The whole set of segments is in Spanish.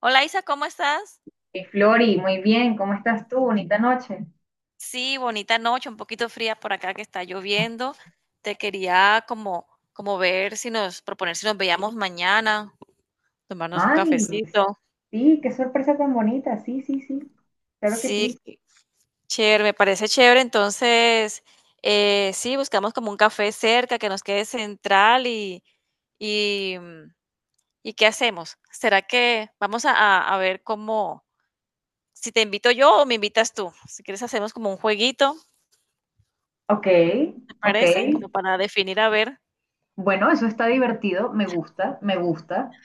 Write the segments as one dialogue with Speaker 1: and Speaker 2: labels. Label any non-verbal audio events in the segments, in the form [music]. Speaker 1: Hola Isa, ¿cómo estás?
Speaker 2: Y Flori, muy bien, ¿cómo estás tú? Bonita noche.
Speaker 1: Sí, bonita noche, un poquito fría por acá que está lloviendo. Te quería como, como ver si nos, proponer si nos veíamos mañana, tomarnos un
Speaker 2: Ay,
Speaker 1: cafecito.
Speaker 2: sí, qué sorpresa tan bonita. Sí, sí, sí, claro que
Speaker 1: Sí,
Speaker 2: sí.
Speaker 1: qué chévere, me parece chévere. Entonces, sí, buscamos como un café cerca que nos quede central y, ¿y qué hacemos? ¿Será que vamos a, a ver cómo, si te invito yo o me invitas tú? Si quieres hacemos como un jueguito,
Speaker 2: Ok,
Speaker 1: ¿te
Speaker 2: ok.
Speaker 1: parece? Como para definir a ver.
Speaker 2: Bueno, eso está divertido, me gusta, me gusta.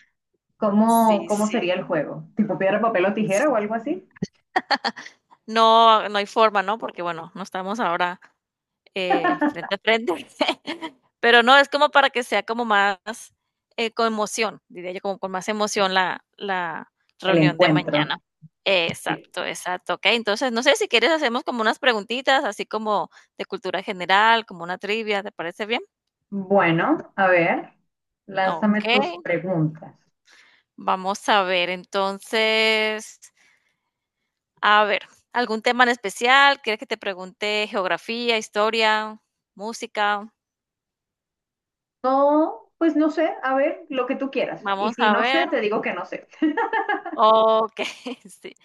Speaker 2: ¿Cómo,
Speaker 1: Sí,
Speaker 2: cómo
Speaker 1: sí.
Speaker 2: sería el juego? ¿Tipo piedra, papel o tijera
Speaker 1: Sí.
Speaker 2: o algo así?
Speaker 1: No, no hay forma, ¿no? Porque, bueno, no estamos ahora, frente a frente. [laughs] Pero no, es como para que sea como más, con emoción, diría yo, como con más emoción la
Speaker 2: El
Speaker 1: reunión de
Speaker 2: encuentro.
Speaker 1: mañana.
Speaker 2: Sí.
Speaker 1: Exacto, exacto. Okey, entonces, no sé si quieres hacemos como unas preguntitas, así como de cultura general, como una trivia, ¿te parece bien?
Speaker 2: Bueno, a ver, lánzame tus
Speaker 1: Okey,
Speaker 2: preguntas.
Speaker 1: vamos a ver, entonces. A ver, ¿algún tema en especial? ¿Quieres que te pregunte geografía, historia, música?
Speaker 2: No, pues no sé, a ver, lo que tú quieras. Y
Speaker 1: Vamos
Speaker 2: si
Speaker 1: a
Speaker 2: no sé,
Speaker 1: ver.
Speaker 2: te digo que no sé. [laughs]
Speaker 1: Ok, [laughs] sí,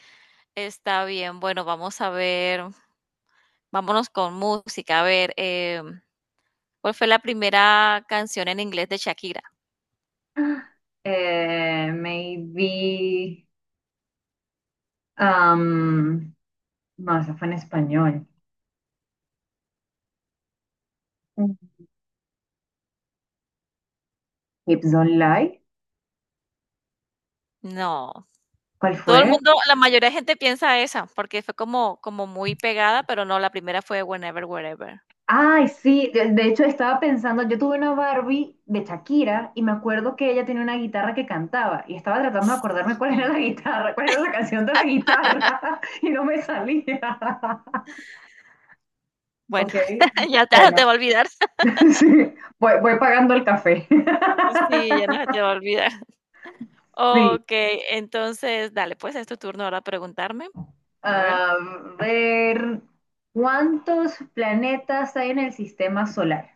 Speaker 1: está bien. Bueno, vamos a ver, vámonos con música. A ver, ¿cuál fue la primera canción en inglés de Shakira?
Speaker 2: Maybe. Am, no, esa fue en español. Mm. Hips Don't Lie.
Speaker 1: No,
Speaker 2: ¿Cuál
Speaker 1: todo el
Speaker 2: fue?
Speaker 1: mundo, la mayoría de gente piensa esa, porque fue como, como muy pegada, pero no, la primera fue Whenever, Wherever.
Speaker 2: Ay, sí, de hecho estaba pensando, yo tuve una Barbie de Shakira y me acuerdo que ella tenía una guitarra que cantaba y estaba tratando de acordarme cuál era
Speaker 1: Sí.
Speaker 2: la guitarra, cuál era la canción de la guitarra [laughs] y no me salía. [laughs]
Speaker 1: Bueno,
Speaker 2: Ok,
Speaker 1: [laughs] ya, ya no
Speaker 2: bueno,
Speaker 1: te va a olvidar. [laughs]
Speaker 2: [laughs] sí, voy pagando el café.
Speaker 1: Sí, ya no se te
Speaker 2: [laughs]
Speaker 1: va a olvidar.
Speaker 2: Sí.
Speaker 1: Okey, entonces, dale, pues, es tu turno ahora preguntarme. A ver.
Speaker 2: A ver, ¿cuántos planetas hay en el sistema solar?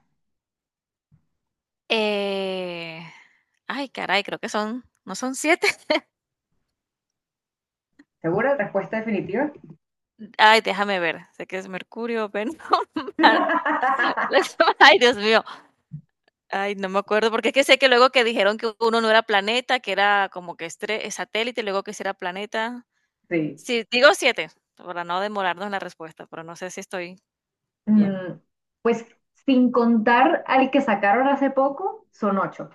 Speaker 1: Eh, ay, caray, creo que son, ¿no son siete?
Speaker 2: ¿Segura? ¿Respuesta definitiva?
Speaker 1: [laughs] Ay, déjame ver. Sé que es Mercurio, Venus, [laughs] Marte.
Speaker 2: [laughs]
Speaker 1: [laughs] Ay, Dios mío. Ay, no me acuerdo, porque es que sé que luego que dijeron que uno no era planeta, que era como que estre satélite, y luego que sí era planeta.
Speaker 2: Sí.
Speaker 1: Sí, digo 7, para no demorarnos en la respuesta, pero no sé si estoy bien.
Speaker 2: Mm, pues sin contar al que sacaron hace poco, son ocho.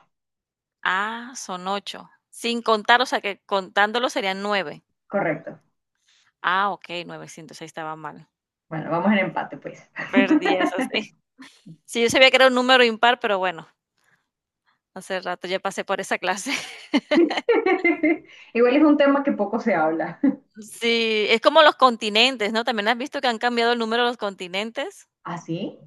Speaker 1: Ah, son ocho. Sin contar, o sea, que contándolo serían 9.
Speaker 2: Correcto.
Speaker 1: Ah, okey, ahí estaba mal.
Speaker 2: Bueno, vamos en
Speaker 1: Bueno,
Speaker 2: empate, pues.
Speaker 1: perdí eso, sí. Sí, yo sabía que era un número impar, pero bueno, hace rato ya pasé por esa clase. [laughs]
Speaker 2: [laughs] Igual es un tema que poco se habla. [laughs]
Speaker 1: Sí, es como los continentes, ¿no? ¿También has visto que han cambiado el número de los continentes?
Speaker 2: ¿Ah, sí?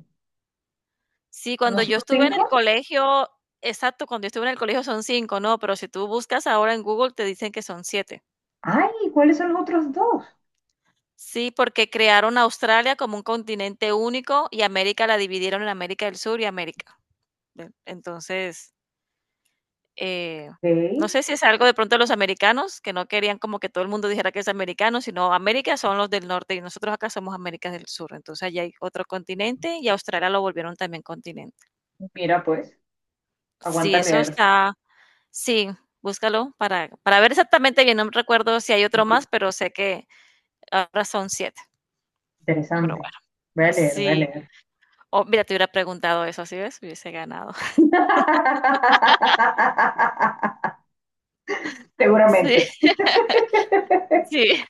Speaker 1: Sí,
Speaker 2: ¿No
Speaker 1: cuando yo
Speaker 2: son
Speaker 1: estuve en el
Speaker 2: cinco?
Speaker 1: colegio, exacto, cuando yo estuve en el colegio son 5, ¿no? Pero si tú buscas ahora en Google te dicen que son 7.
Speaker 2: Ay, ¿cuáles son los otros dos?
Speaker 1: Sí, porque crearon Australia como un continente único y América la dividieron en América del Sur y América del, entonces, Eh, no
Speaker 2: Sí.
Speaker 1: sé si es algo de pronto de los americanos, que no querían como que todo el mundo dijera que es americano, sino América son los del norte y nosotros acá somos América del Sur. Entonces allá hay otro continente y Australia lo volvieron también continente.
Speaker 2: Mira, pues,
Speaker 1: Sí,
Speaker 2: aguanta
Speaker 1: eso
Speaker 2: leer.
Speaker 1: está, sí, búscalo para ver exactamente bien. No recuerdo si hay otro más, pero sé que ahora son siete. Pero
Speaker 2: Interesante.
Speaker 1: bueno,
Speaker 2: Voy a leer, voy a
Speaker 1: sí.
Speaker 2: leer.
Speaker 1: Oh, mira, te hubiera preguntado eso, ¿sí ves? Hubiese ganado. [laughs]
Speaker 2: [laughs]
Speaker 1: Sí,
Speaker 2: Seguramente.
Speaker 1: sí.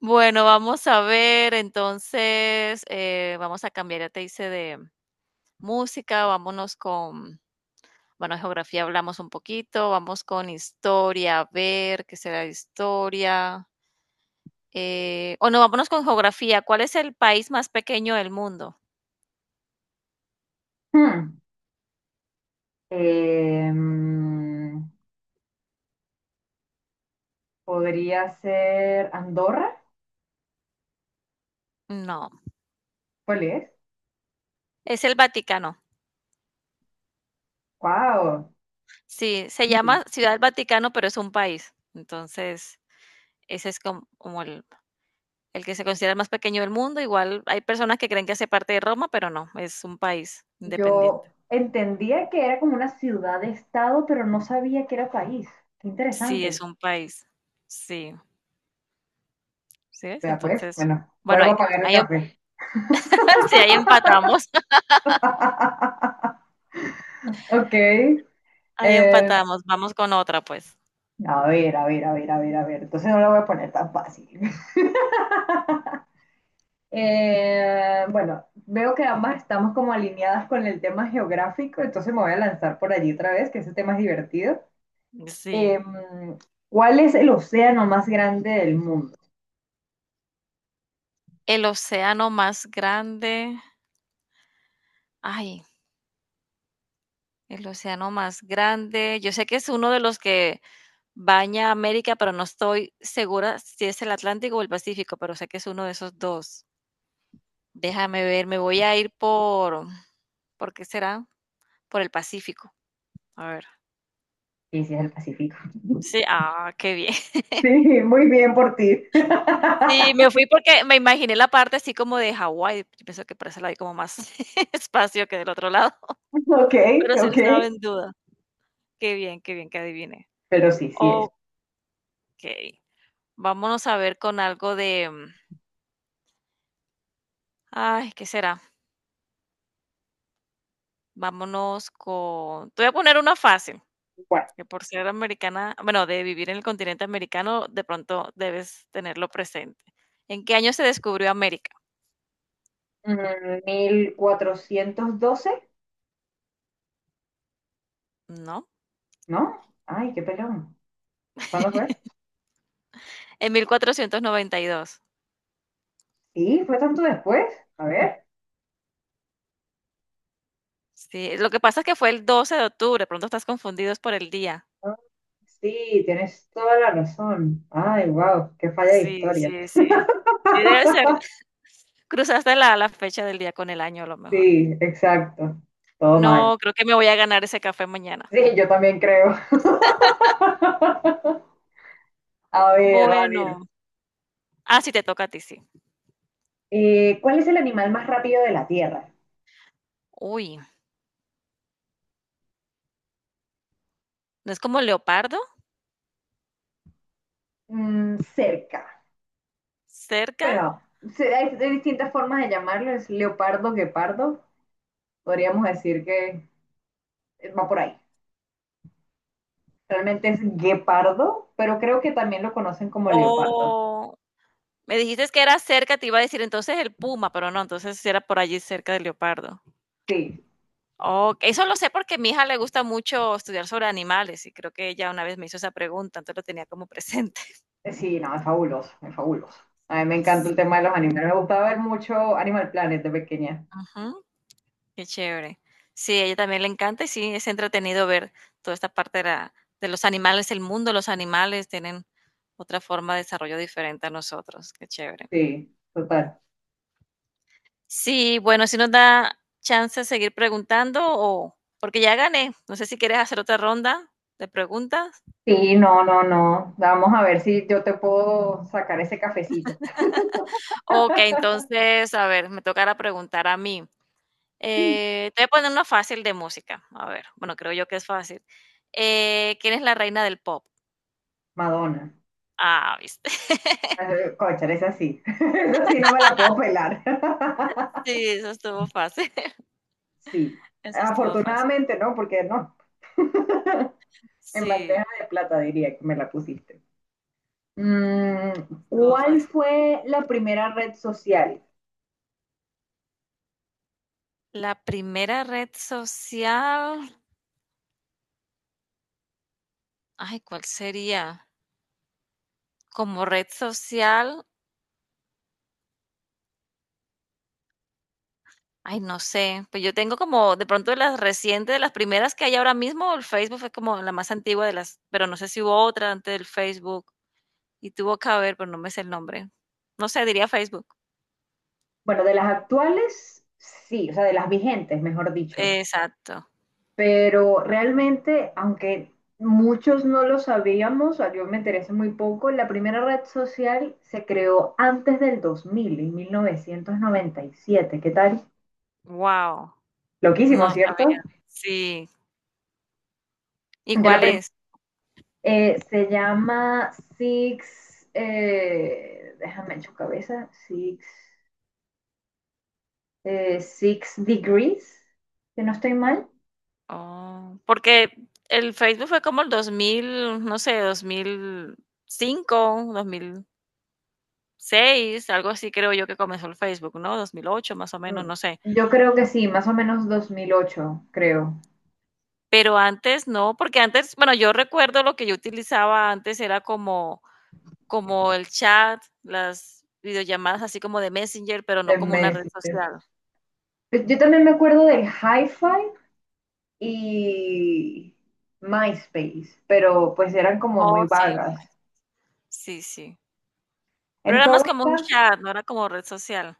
Speaker 1: Bueno, vamos a ver, entonces, vamos a cambiar, ya te hice de música, vámonos con, bueno, geografía hablamos un poquito, vamos con historia, a ver qué será historia. O no, vámonos con geografía. ¿Cuál es el país más pequeño del mundo?
Speaker 2: Hmm. Em, podría ser Andorra.
Speaker 1: No,
Speaker 2: ¿Cuál es?
Speaker 1: es el Vaticano.
Speaker 2: Wow.
Speaker 1: Sí, se llama Ciudad del Vaticano, pero es un país. Entonces, ese es como, el que se considera el más pequeño del mundo. Igual hay personas que creen que hace parte de Roma, pero no, es un país independiente.
Speaker 2: Yo entendía que era como una ciudad de estado, pero no sabía que era país. Qué
Speaker 1: Sí, es
Speaker 2: interesante.
Speaker 1: un país. Sí, ¿sí ves?
Speaker 2: Vea pues,
Speaker 1: Entonces,
Speaker 2: bueno,
Speaker 1: bueno,
Speaker 2: vuelvo
Speaker 1: hay,
Speaker 2: a pagar el
Speaker 1: hay
Speaker 2: café.
Speaker 1: [laughs] sí, ahí empatamos, [laughs]
Speaker 2: [laughs] Ok.
Speaker 1: ahí
Speaker 2: em,
Speaker 1: empatamos. Vamos con otra, pues.
Speaker 2: A ver, a ver, a ver, a ver, a ver. Entonces no la voy a poner tan fácil. [laughs] Bueno, veo que ambas estamos como alineadas con el tema geográfico, entonces me voy a lanzar por allí otra vez, que ese tema es divertido.
Speaker 1: Sí.
Speaker 2: Em, ¿Cuál es el océano más grande del mundo?
Speaker 1: El océano más grande. Ay, el océano más grande. Yo sé que es uno de los que baña América, pero no estoy segura si es el Atlántico o el Pacífico, pero sé que es uno de esos dos. Déjame ver, me voy a ir ¿por qué será? Por el Pacífico. A ver.
Speaker 2: Y si es el Pacífico. [laughs]
Speaker 1: Sí, ah, qué bien. [laughs]
Speaker 2: Sí, muy bien por ti. [laughs]
Speaker 1: Sí, me fui porque me imaginé la parte así como de Hawái. Yo pienso que por eso la vi como más [laughs] espacio que del otro lado.
Speaker 2: Ok,
Speaker 1: Pero sí lo
Speaker 2: ok.
Speaker 1: estaba en duda. Qué bien que adiviné.
Speaker 2: Pero sí, sí es.
Speaker 1: Okey, vámonos a ver con algo de, ay, ¿qué será? Vámonos con, te voy a poner una fácil,
Speaker 2: Bueno,
Speaker 1: que por ser americana, bueno, de vivir en el continente americano, de pronto debes tenerlo presente. ¿En qué año se descubrió América?
Speaker 2: 1412,
Speaker 1: ¿No?
Speaker 2: ¿no? Ay, qué pelón. ¿Cuándo fue?
Speaker 1: En 1492.
Speaker 2: Sí, fue tanto después. A ver.
Speaker 1: Sí, lo que pasa es que fue el 12 de octubre, de pronto estás confundidos por el día.
Speaker 2: Ah, sí, tienes toda la razón. Ay, wow, qué falla de
Speaker 1: Sí,
Speaker 2: historia.
Speaker 1: sí, sí. Sí, debe ser. Cruzaste la fecha del día con el año, a lo mejor.
Speaker 2: Sí, exacto. Todo mal.
Speaker 1: No, creo que me voy a ganar ese café mañana.
Speaker 2: Sí, yo también creo. [laughs] A ver, a ver.
Speaker 1: Bueno. Ah, sí, te toca a ti, sí.
Speaker 2: ¿Cuál es el animal más rápido de la Tierra?
Speaker 1: Uy, ¿no es como leopardo?
Speaker 2: Mm, cerca.
Speaker 1: ¿Cerca?
Speaker 2: Bueno, hay, hay distintas formas de llamarlo. Es leopardo, guepardo. Podríamos decir que va por ahí. Realmente es guepardo, pero creo que también lo conocen como leopardo.
Speaker 1: O me dijiste que era cerca, te iba a decir entonces el puma, pero no, entonces sí era por allí cerca del leopardo.
Speaker 2: Sí.
Speaker 1: Oh, eso lo sé porque a mi hija le gusta mucho estudiar sobre animales y creo que ella una vez me hizo esa pregunta, entonces lo tenía como presente. [laughs]
Speaker 2: Sí, no, es fabuloso, es fabuloso. A mí me encanta el
Speaker 1: Sí,
Speaker 2: tema de los animales. Me gustaba ver mucho Animal Planet de pequeña.
Speaker 1: ujú. Qué chévere. Sí, a ella también le encanta y sí, es entretenido ver toda esta parte de, de los animales, el mundo de los animales, tienen otra forma de desarrollo diferente a nosotros. Qué chévere.
Speaker 2: Sí, total.
Speaker 1: Sí, bueno, si nos da chance de seguir preguntando o porque ya gané, no sé si quieres hacer otra ronda de preguntas.
Speaker 2: Sí, no, no, no. Vamos a ver si yo te puedo sacar ese cafecito.
Speaker 1: Ok, entonces, a ver, me tocará preguntar a mí.
Speaker 2: [laughs]
Speaker 1: Te voy a poner una fácil de música. A ver, bueno, creo yo que es fácil. ¿Quién es la reina del pop?
Speaker 2: Madonna.
Speaker 1: Ah, viste. [laughs]
Speaker 2: Cónchale, esa sí. [laughs] Esa sí no me la puedo pelar. [laughs]
Speaker 1: Sí, eso estuvo fácil, [laughs]
Speaker 2: Sí.
Speaker 1: eso estuvo fácil.
Speaker 2: Afortunadamente no, porque no. [laughs] En bandeja
Speaker 1: Sí,
Speaker 2: de plata diría que me la pusiste. Mm,
Speaker 1: estuvo
Speaker 2: ¿cuál
Speaker 1: fácil.
Speaker 2: fue la primera red social?
Speaker 1: La primera red social, ay, ¿cuál sería? Como red social, ay, no sé, pues yo tengo como de pronto de las recientes, de las primeras que hay ahora mismo, el Facebook fue como la más antigua de las, pero no sé si hubo otra antes del Facebook y tuvo que haber, pero no me sé el nombre. No sé, diría Facebook.
Speaker 2: Bueno, de las actuales, sí, o sea, de las vigentes, mejor dicho.
Speaker 1: Exacto.
Speaker 2: Pero realmente, aunque muchos no lo sabíamos, o sea, yo me enteré hace muy poco, la primera red social se creó antes del 2000, en 1997. ¿Qué tal?
Speaker 1: Wow,
Speaker 2: Loquísimo,
Speaker 1: no sabía.
Speaker 2: ¿cierto?
Speaker 1: Sí. ¿Y
Speaker 2: De la
Speaker 1: cuál
Speaker 2: prim-
Speaker 1: es?
Speaker 2: se llama Six, déjame en su cabeza, Six, Six Degrees, si no estoy mal.
Speaker 1: Oh, porque el Facebook fue como el 2000, no sé, 2005, 2006, algo así creo yo que comenzó el Facebook, ¿no? 2008 más o menos,
Speaker 2: Mm,
Speaker 1: no sé.
Speaker 2: yo creo que sí, más o menos 2008, creo,
Speaker 1: Pero antes no, porque antes, bueno, yo recuerdo lo que yo utilizaba antes era como, como el chat, las videollamadas así como de Messenger, pero no
Speaker 2: de
Speaker 1: como una red
Speaker 2: Messi.
Speaker 1: social.
Speaker 2: Pues yo también me acuerdo del Hi-Fi y MySpace, pero pues eran como muy
Speaker 1: Oh, sí,
Speaker 2: vagas.
Speaker 1: sí, sí. Pero
Speaker 2: En
Speaker 1: era más
Speaker 2: todos
Speaker 1: como un
Speaker 2: casos,
Speaker 1: chat, no era como red social.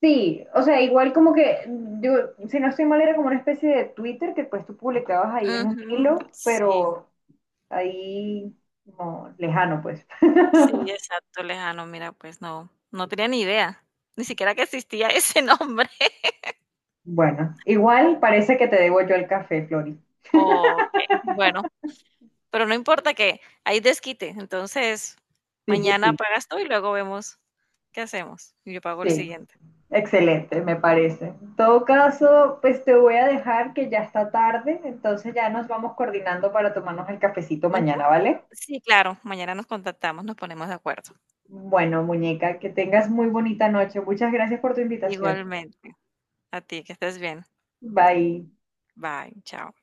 Speaker 2: sí, o sea, igual como que, yo, si no estoy mal, era como una especie de Twitter que pues tú publicabas ahí en un
Speaker 1: Ujú,
Speaker 2: hilo,
Speaker 1: sí.
Speaker 2: pero ahí como lejano, pues.
Speaker 1: Sí,
Speaker 2: [laughs]
Speaker 1: exacto, lejano. Mira, pues no, no tenía ni idea, ni siquiera que existía ese nombre. [laughs]
Speaker 2: Bueno, igual parece que te debo yo el café, Flori.
Speaker 1: Okey, bueno, pero no importa que hay desquite, entonces
Speaker 2: Sí, sí,
Speaker 1: mañana
Speaker 2: sí,
Speaker 1: pagas tú y luego vemos qué hacemos. Y yo pago el
Speaker 2: sí.
Speaker 1: siguiente.
Speaker 2: Excelente, me parece. En todo caso, pues te voy a dejar que ya está tarde, entonces ya nos vamos coordinando para tomarnos el cafecito
Speaker 1: Ujú.
Speaker 2: mañana, ¿vale?
Speaker 1: Sí, claro, mañana nos contactamos, nos ponemos de acuerdo.
Speaker 2: Bueno, muñeca, que tengas muy bonita noche. Muchas gracias por tu invitación.
Speaker 1: Igualmente, a ti, que estés bien.
Speaker 2: Bye.
Speaker 1: Bye, chao.